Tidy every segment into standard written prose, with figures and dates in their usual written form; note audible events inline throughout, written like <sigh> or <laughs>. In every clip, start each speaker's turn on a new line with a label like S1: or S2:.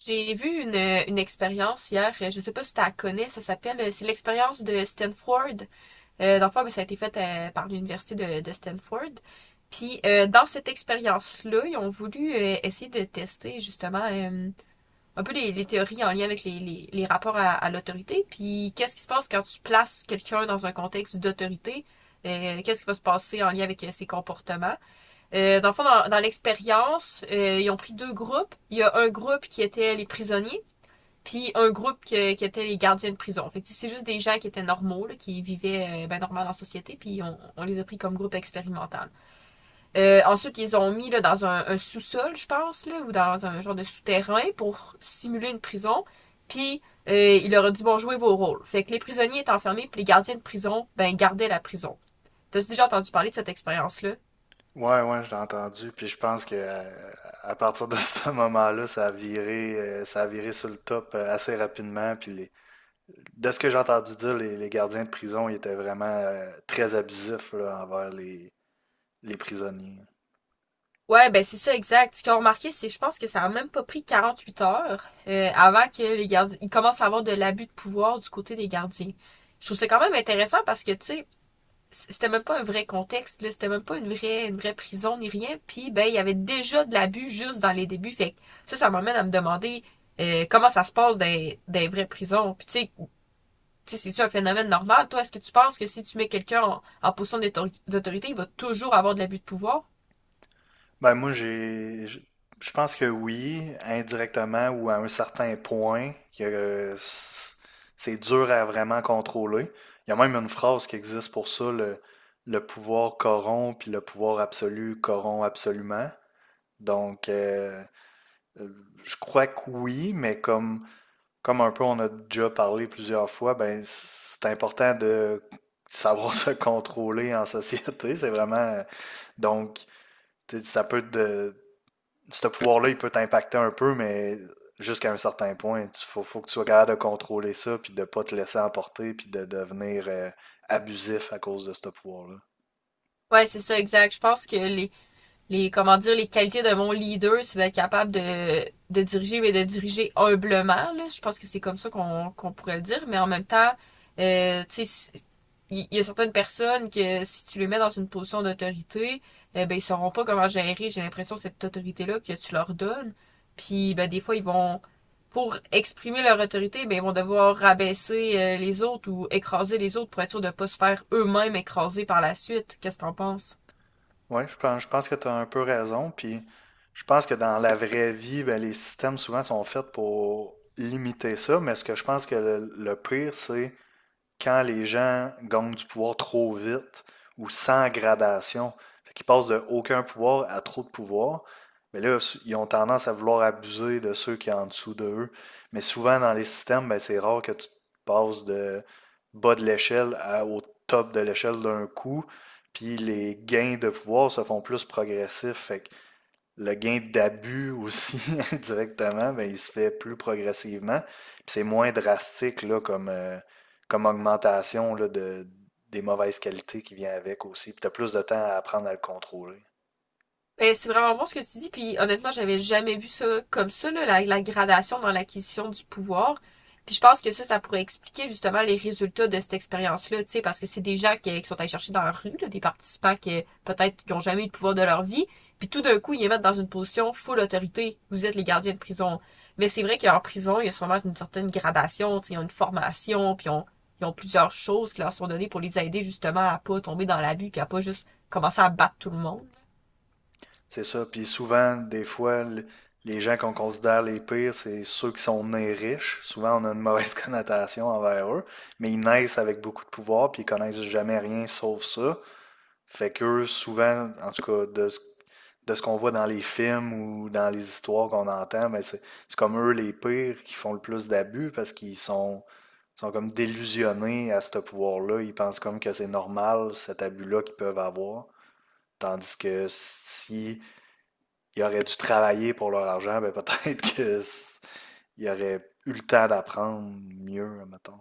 S1: J'ai vu une expérience hier, je sais pas si tu la connais. Ça s'appelle, c'est l'expérience de Stanford. Dans le fond, ben, ça a été fait par l'université de Stanford. Puis dans cette expérience-là, ils ont voulu essayer de tester justement un peu les théories en lien avec les rapports à l'autorité. Puis qu'est-ce qui se passe quand tu places quelqu'un dans un contexte d'autorité? Qu'est-ce qui va se passer en lien avec ses comportements? Dans le fond, dans l'expérience, ils ont pris deux groupes. Il y a un groupe qui était les prisonniers, puis un groupe qui était les gardiens de prison. Fait que c'est juste des gens qui étaient normaux, là, qui vivaient ben, normal en société, puis on les a pris comme groupe expérimental. Ensuite, ils ont mis là, dans un sous-sol, je pense, là, ou dans un genre de souterrain pour simuler une prison. Puis il leur a dit bon, jouez vos rôles. Fait que les prisonniers étaient enfermés, puis les gardiens de prison, ben gardaient la prison. T'as déjà entendu parler de cette expérience-là?
S2: Ouais, ouais, je l'ai entendu. Puis je pense que à partir de <laughs> ce moment-là, ça a viré sur le top assez rapidement. De ce que j'ai entendu dire, les gardiens de prison, ils étaient vraiment très abusifs là, envers les prisonniers.
S1: Ouais, ben c'est ça, exact. Ce qu'ils ont remarqué, c'est je pense que ça a même pas pris 48 heures, avant que les gardiens... Ils commencent à avoir de l'abus de pouvoir du côté des gardiens. Je trouve ça quand même intéressant parce que, tu sais, c'était même pas un vrai contexte, là, c'était même pas une vraie prison ni rien. Puis, ben, il y avait déjà de l'abus juste dans les débuts. Fait que ça m'amène à me demander comment ça se passe dans, des vraies prisons. Puis, tu sais, c'est-tu un phénomène normal? Toi, est-ce que tu penses que si tu mets quelqu'un en position d'autorité, il va toujours avoir de l'abus de pouvoir?
S2: Ben moi, je pense que oui, indirectement ou à un certain point, que c'est dur à vraiment contrôler. Il y a même une phrase qui existe pour ça, le pouvoir corrompt, puis le pouvoir absolu corrompt absolument. Donc, euh, euh, je crois que oui, mais comme un peu on a déjà parlé plusieurs fois, ben, c'est important de savoir <laughs> se contrôler en société. Donc, Tu sais, ça peut te. Ce pouvoir-là, il peut t'impacter un peu, mais jusqu'à un certain point, faut que tu sois capable de contrôler ça, puis de pas te laisser emporter, puis de devenir abusif à cause de ce pouvoir-là.
S1: Ouais, c'est ça, exact. Je pense que les comment dire les qualités de mon leader, c'est d'être capable de diriger mais de diriger humblement. Là. Je pense que c'est comme ça qu'on pourrait le dire, mais en même temps, tu sais, si, il y a certaines personnes que si tu les mets dans une position d'autorité, eh ben ils sauront pas comment gérer, j'ai l'impression, cette autorité-là que tu leur donnes. Puis ben des fois, ils vont pour exprimer leur autorité, ben ils vont devoir rabaisser les autres ou écraser les autres pour être sûr de pas se faire eux-mêmes écraser par la suite. Qu'est-ce que t'en penses?
S2: Oui, je pense que tu as un peu raison. Puis je pense que dans la vraie vie, ben, les systèmes souvent sont faits pour limiter ça. Mais ce que je pense que le pire, c'est quand les gens gagnent du pouvoir trop vite ou sans gradation, fait qu'ils passent de aucun pouvoir à trop de pouvoir, mais là, ils ont tendance à vouloir abuser de ceux qui sont en dessous de eux. Mais souvent, dans les systèmes, ben, c'est rare que tu passes de bas de l'échelle au top de l'échelle d'un coup. Puis les gains de pouvoir se font plus progressifs. Fait que le gain d'abus aussi <laughs> directement, ben, il se fait plus progressivement. Puis c'est moins drastique là, comme augmentation là, des mauvaises qualités qui vient avec aussi. Puis tu as plus de temps à apprendre à le contrôler.
S1: Ben, c'est vraiment bon ce que tu dis, puis honnêtement, j'avais jamais vu ça comme ça, là, la gradation dans l'acquisition du pouvoir. Puis je pense que ça pourrait expliquer justement les résultats de cette expérience-là, tu sais, parce que c'est des gens qui sont allés chercher dans la rue, là, des participants qui peut-être qui ont jamais eu le pouvoir de leur vie, puis tout d'un coup, ils les mettent dans une position full autorité. Vous êtes les gardiens de prison. Mais c'est vrai qu'en prison, il y a sûrement une certaine gradation, tu sais, ils ont une formation, puis ils ont plusieurs choses qui leur sont données pour les aider justement à pas tomber dans l'abus, puis à pas juste commencer à battre tout le monde.
S2: C'est ça. Puis souvent, des fois, les gens qu'on considère les pires, c'est ceux qui sont nés riches. Souvent, on a une mauvaise <laughs> connotation envers eux, mais ils naissent avec beaucoup de pouvoir, puis ils connaissent jamais rien sauf ça. Fait qu'eux, souvent, en tout cas, de ce qu'on voit dans les films ou dans les histoires qu'on entend, ben c'est comme eux les pires qui font le plus d'abus parce sont comme délusionnés à ce pouvoir-là. Ils pensent comme que c'est normal cet abus-là qu'ils peuvent avoir. Tandis que si ils auraient dû travailler pour leur argent, ben peut-être <laughs> qu'ils auraient eu le temps d'apprendre mieux, mettons.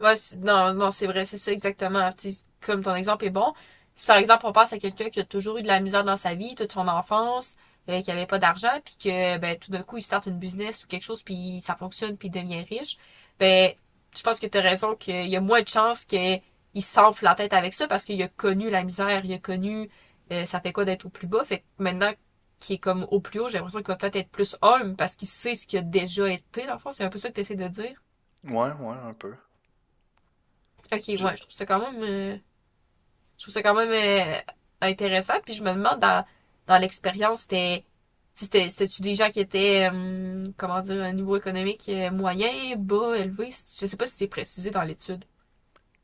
S1: Non, c'est vrai, c'est ça exactement. Tu sais, comme ton exemple est bon, si par exemple on pense à quelqu'un qui a toujours eu de la misère dans sa vie, toute son enfance, qui avait pas d'argent, puis que ben tout d'un coup il starte une business ou quelque chose, puis ça fonctionne, puis il devient riche, ben je pense que tu as raison qu'il y a moins de chances qu'il s'enfle la tête avec ça parce qu'il a connu la misère, il a connu ça fait quoi d'être au plus bas. Fait que maintenant qu'il est comme au plus haut, j'ai l'impression qu'il va peut-être être plus homme parce qu'il sait ce qu'il a déjà été, dans le fond. C'est un peu ça que tu essaies de dire.
S2: Ouais, ouais, un peu.
S1: Ok,
S2: Je-
S1: ouais, je trouve ça quand même euh, intéressant. Puis je me demande dans l'expérience, c'était-tu des gens qui étaient comment dire à un niveau économique moyen, bas, élevé? Je sais pas si c'était précisé dans l'étude.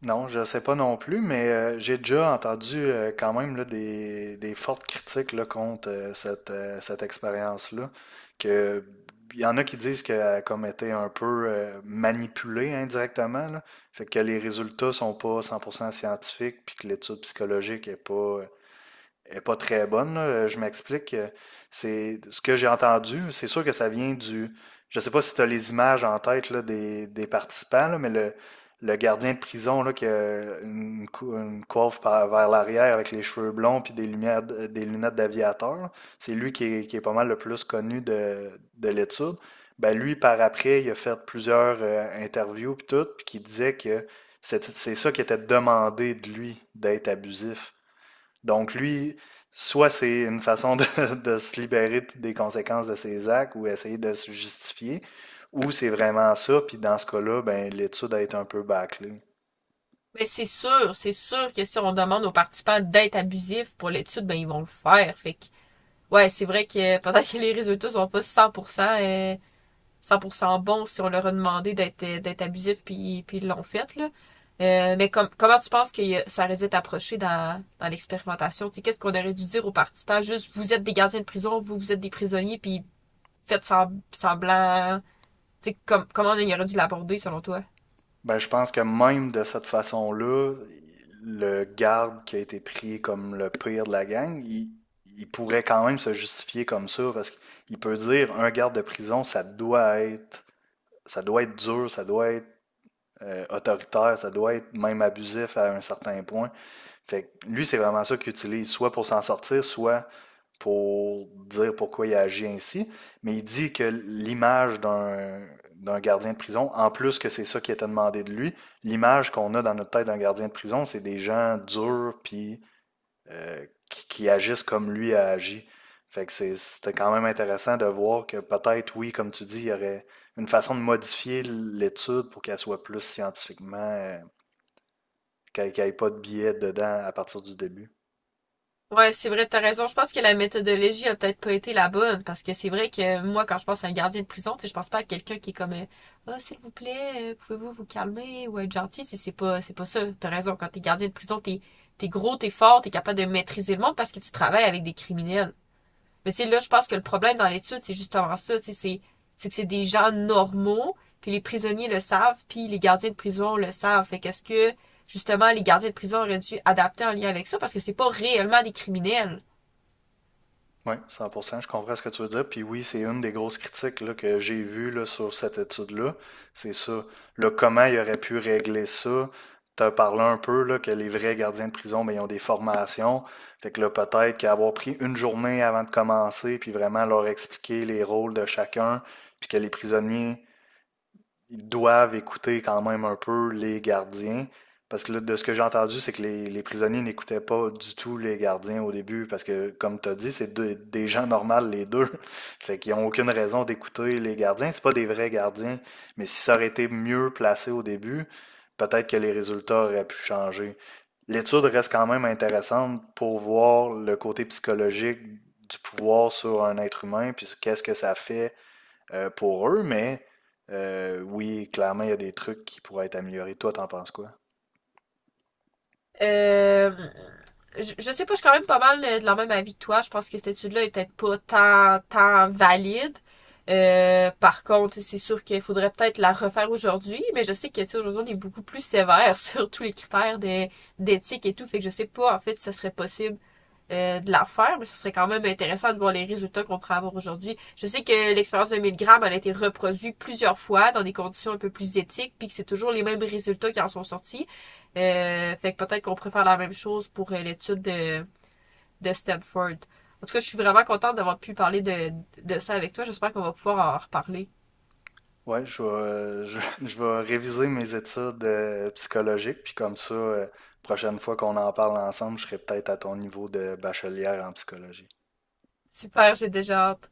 S2: Non, je sais pas non plus, mais j'ai déjà entendu quand même là, des fortes critiques là, contre cette expérience-là. Que il y en a qui disent qu'elle a comme été un peu manipulée indirectement, là. Fait que les résultats sont pas 100% scientifiques, puis que l'étude psychologique est pas très bonne. Là. Je m'explique. C'est ce que j'ai entendu. C'est sûr que ça vient du. Je sais pas si tu as les images en tête là, des participants, là, mais le gardien de prison là, qui a une coiffe vers l'arrière avec les cheveux blonds puis des lumières, des lunettes d'aviateur, là, c'est lui qui est pas mal le plus connu de l'étude. Ben lui, par après, il a fait plusieurs interviews puis tout, puis qui disait que c'est ça qui était demandé de lui, d'être abusif. Donc lui, soit c'est une façon de, <laughs> de se libérer des conséquences de ses actes ou essayer de se justifier, ou c'est vraiment ça, puis dans ce cas-là, ben, l'étude a été un peu bâclée.
S1: Mais c'est sûr que si on demande aux participants d'être abusifs pour l'étude, ben ils vont le faire. Fait que ouais, c'est vrai que <laughs> peut-être que les résultats sont pas 100% euh, 100% bon si on leur a demandé d'être d'être abusif puis ils l'ont fait là. Mais com- comment tu penses que ça aurait dû être approché dans l'expérimentation? Tu sais, qu'est-ce qu'on aurait dû dire aux participants? Juste, vous êtes des gardiens de prison, vous êtes des prisonniers, puis faites semblant. Tu sais, com- comment on aurait dû l'aborder selon toi?
S2: Ben, je pense que même de cette façon-là, le garde qui a été pris comme le pire de la gang, il pourrait quand même se justifier comme ça, parce qu'il peut dire un garde de prison, ça doit être dur, ça doit être autoritaire, ça doit être même abusif à un certain point. Fait que lui, c'est vraiment ça qu'il utilise, soit pour s'en sortir, soit pour dire pourquoi il a agi ainsi. Mais il dit que l'image d'un d'un gardien de prison, en plus que c'est ça qui était demandé de lui, l'image qu'on a dans notre tête d'un gardien de prison, c'est des gens durs puis qui agissent comme lui a agi. C'était quand même intéressant de voir que peut-être, oui, comme tu dis, il y aurait une façon de modifier l'étude pour qu'elle soit plus scientifiquement, qu'elle n'ait pas de biais dedans à partir du début.
S1: Ouais, c'est vrai, t'as raison. Je pense que la méthodologie a peut-être pas été la bonne, parce que c'est vrai que moi, quand je pense à un gardien de prison, tu sais, je pense pas à quelqu'un qui est comme, ah, s'il vous plaît, pouvez-vous vous calmer ou être gentil. Tu sais, c'est pas, c'est pas ça. T'as raison. Quand t'es gardien de prison, t'es gros, t'es fort, t'es capable de maîtriser le monde parce que tu travailles avec des criminels. Mais tu sais, là, je pense que le problème dans l'étude, c'est justement ça, tu sais, c'est que c'est des gens normaux, puis les prisonniers le savent, puis les gardiens de prison le savent. Fait qu'est-ce que, justement, les gardiens de prison auraient dû adapter en lien avec ça, parce que c'est pas réellement des criminels.
S2: Oui, cent pour cent, je comprends ce que tu veux dire. Puis oui, c'est une des grosses critiques là, que j'ai vues là, sur cette étude-là. C'est ça. Le comment il aurait pu régler ça. Tu as parlé un peu là, que les vrais gardiens de prison, ben, ils ont des formations. Fait que là, peut-être qu'avoir pris une journée avant de commencer, puis vraiment leur expliquer les rôles de chacun, puis que les prisonniers ils doivent écouter quand même un peu les gardiens. Parce que là, de ce que j'ai entendu, c'est que les prisonniers n'écoutaient pas du tout les gardiens au début, parce que, comme tu as dit, c'est des gens normaux, les deux. <laughs> Fait qu'ils n'ont aucune raison d'écouter les gardiens. C'est pas des vrais gardiens. Mais si ça aurait été mieux placé au début, peut-être que les résultats auraient pu changer. L'étude reste quand même intéressante pour voir le côté psychologique du pouvoir sur un être humain, puis qu'est-ce que ça fait pour eux, mais oui, clairement, il y a des trucs qui pourraient être améliorés. Toi, t'en penses quoi?
S1: Euh, je sais pas, je suis quand même pas mal de la même avis que toi. Je pense que cette étude-là est peut-être pas tant valide. Par contre, c'est sûr qu'il faudrait peut-être la refaire aujourd'hui, mais je sais que, tu sais, aujourd'hui, on est beaucoup plus sévère <laughs> sur tous les critères d'éthique et tout, fait que je sais pas, en fait, si ça serait possible de la faire, mais ce serait quand même intéressant de voir les résultats qu'on pourrait avoir aujourd'hui. Je sais que l'expérience de 1000 grammes a été reproduite plusieurs fois dans des conditions un peu plus éthiques, puis que c'est toujours les mêmes résultats qui en sont sortis. Fait que peut-être qu'on pourrait faire la même chose pour l'étude de Stanford. En tout cas, je suis vraiment contente d'avoir pu parler de ça avec toi. J'espère qu'on va pouvoir en reparler.
S2: Ouais, <laughs> je vais réviser mes études psychologiques, puis comme ça, prochaine fois qu'on en parle ensemble, je serai peut-être à ton niveau de bachelière en psychologie.
S1: Super, j'ai déjà hâte.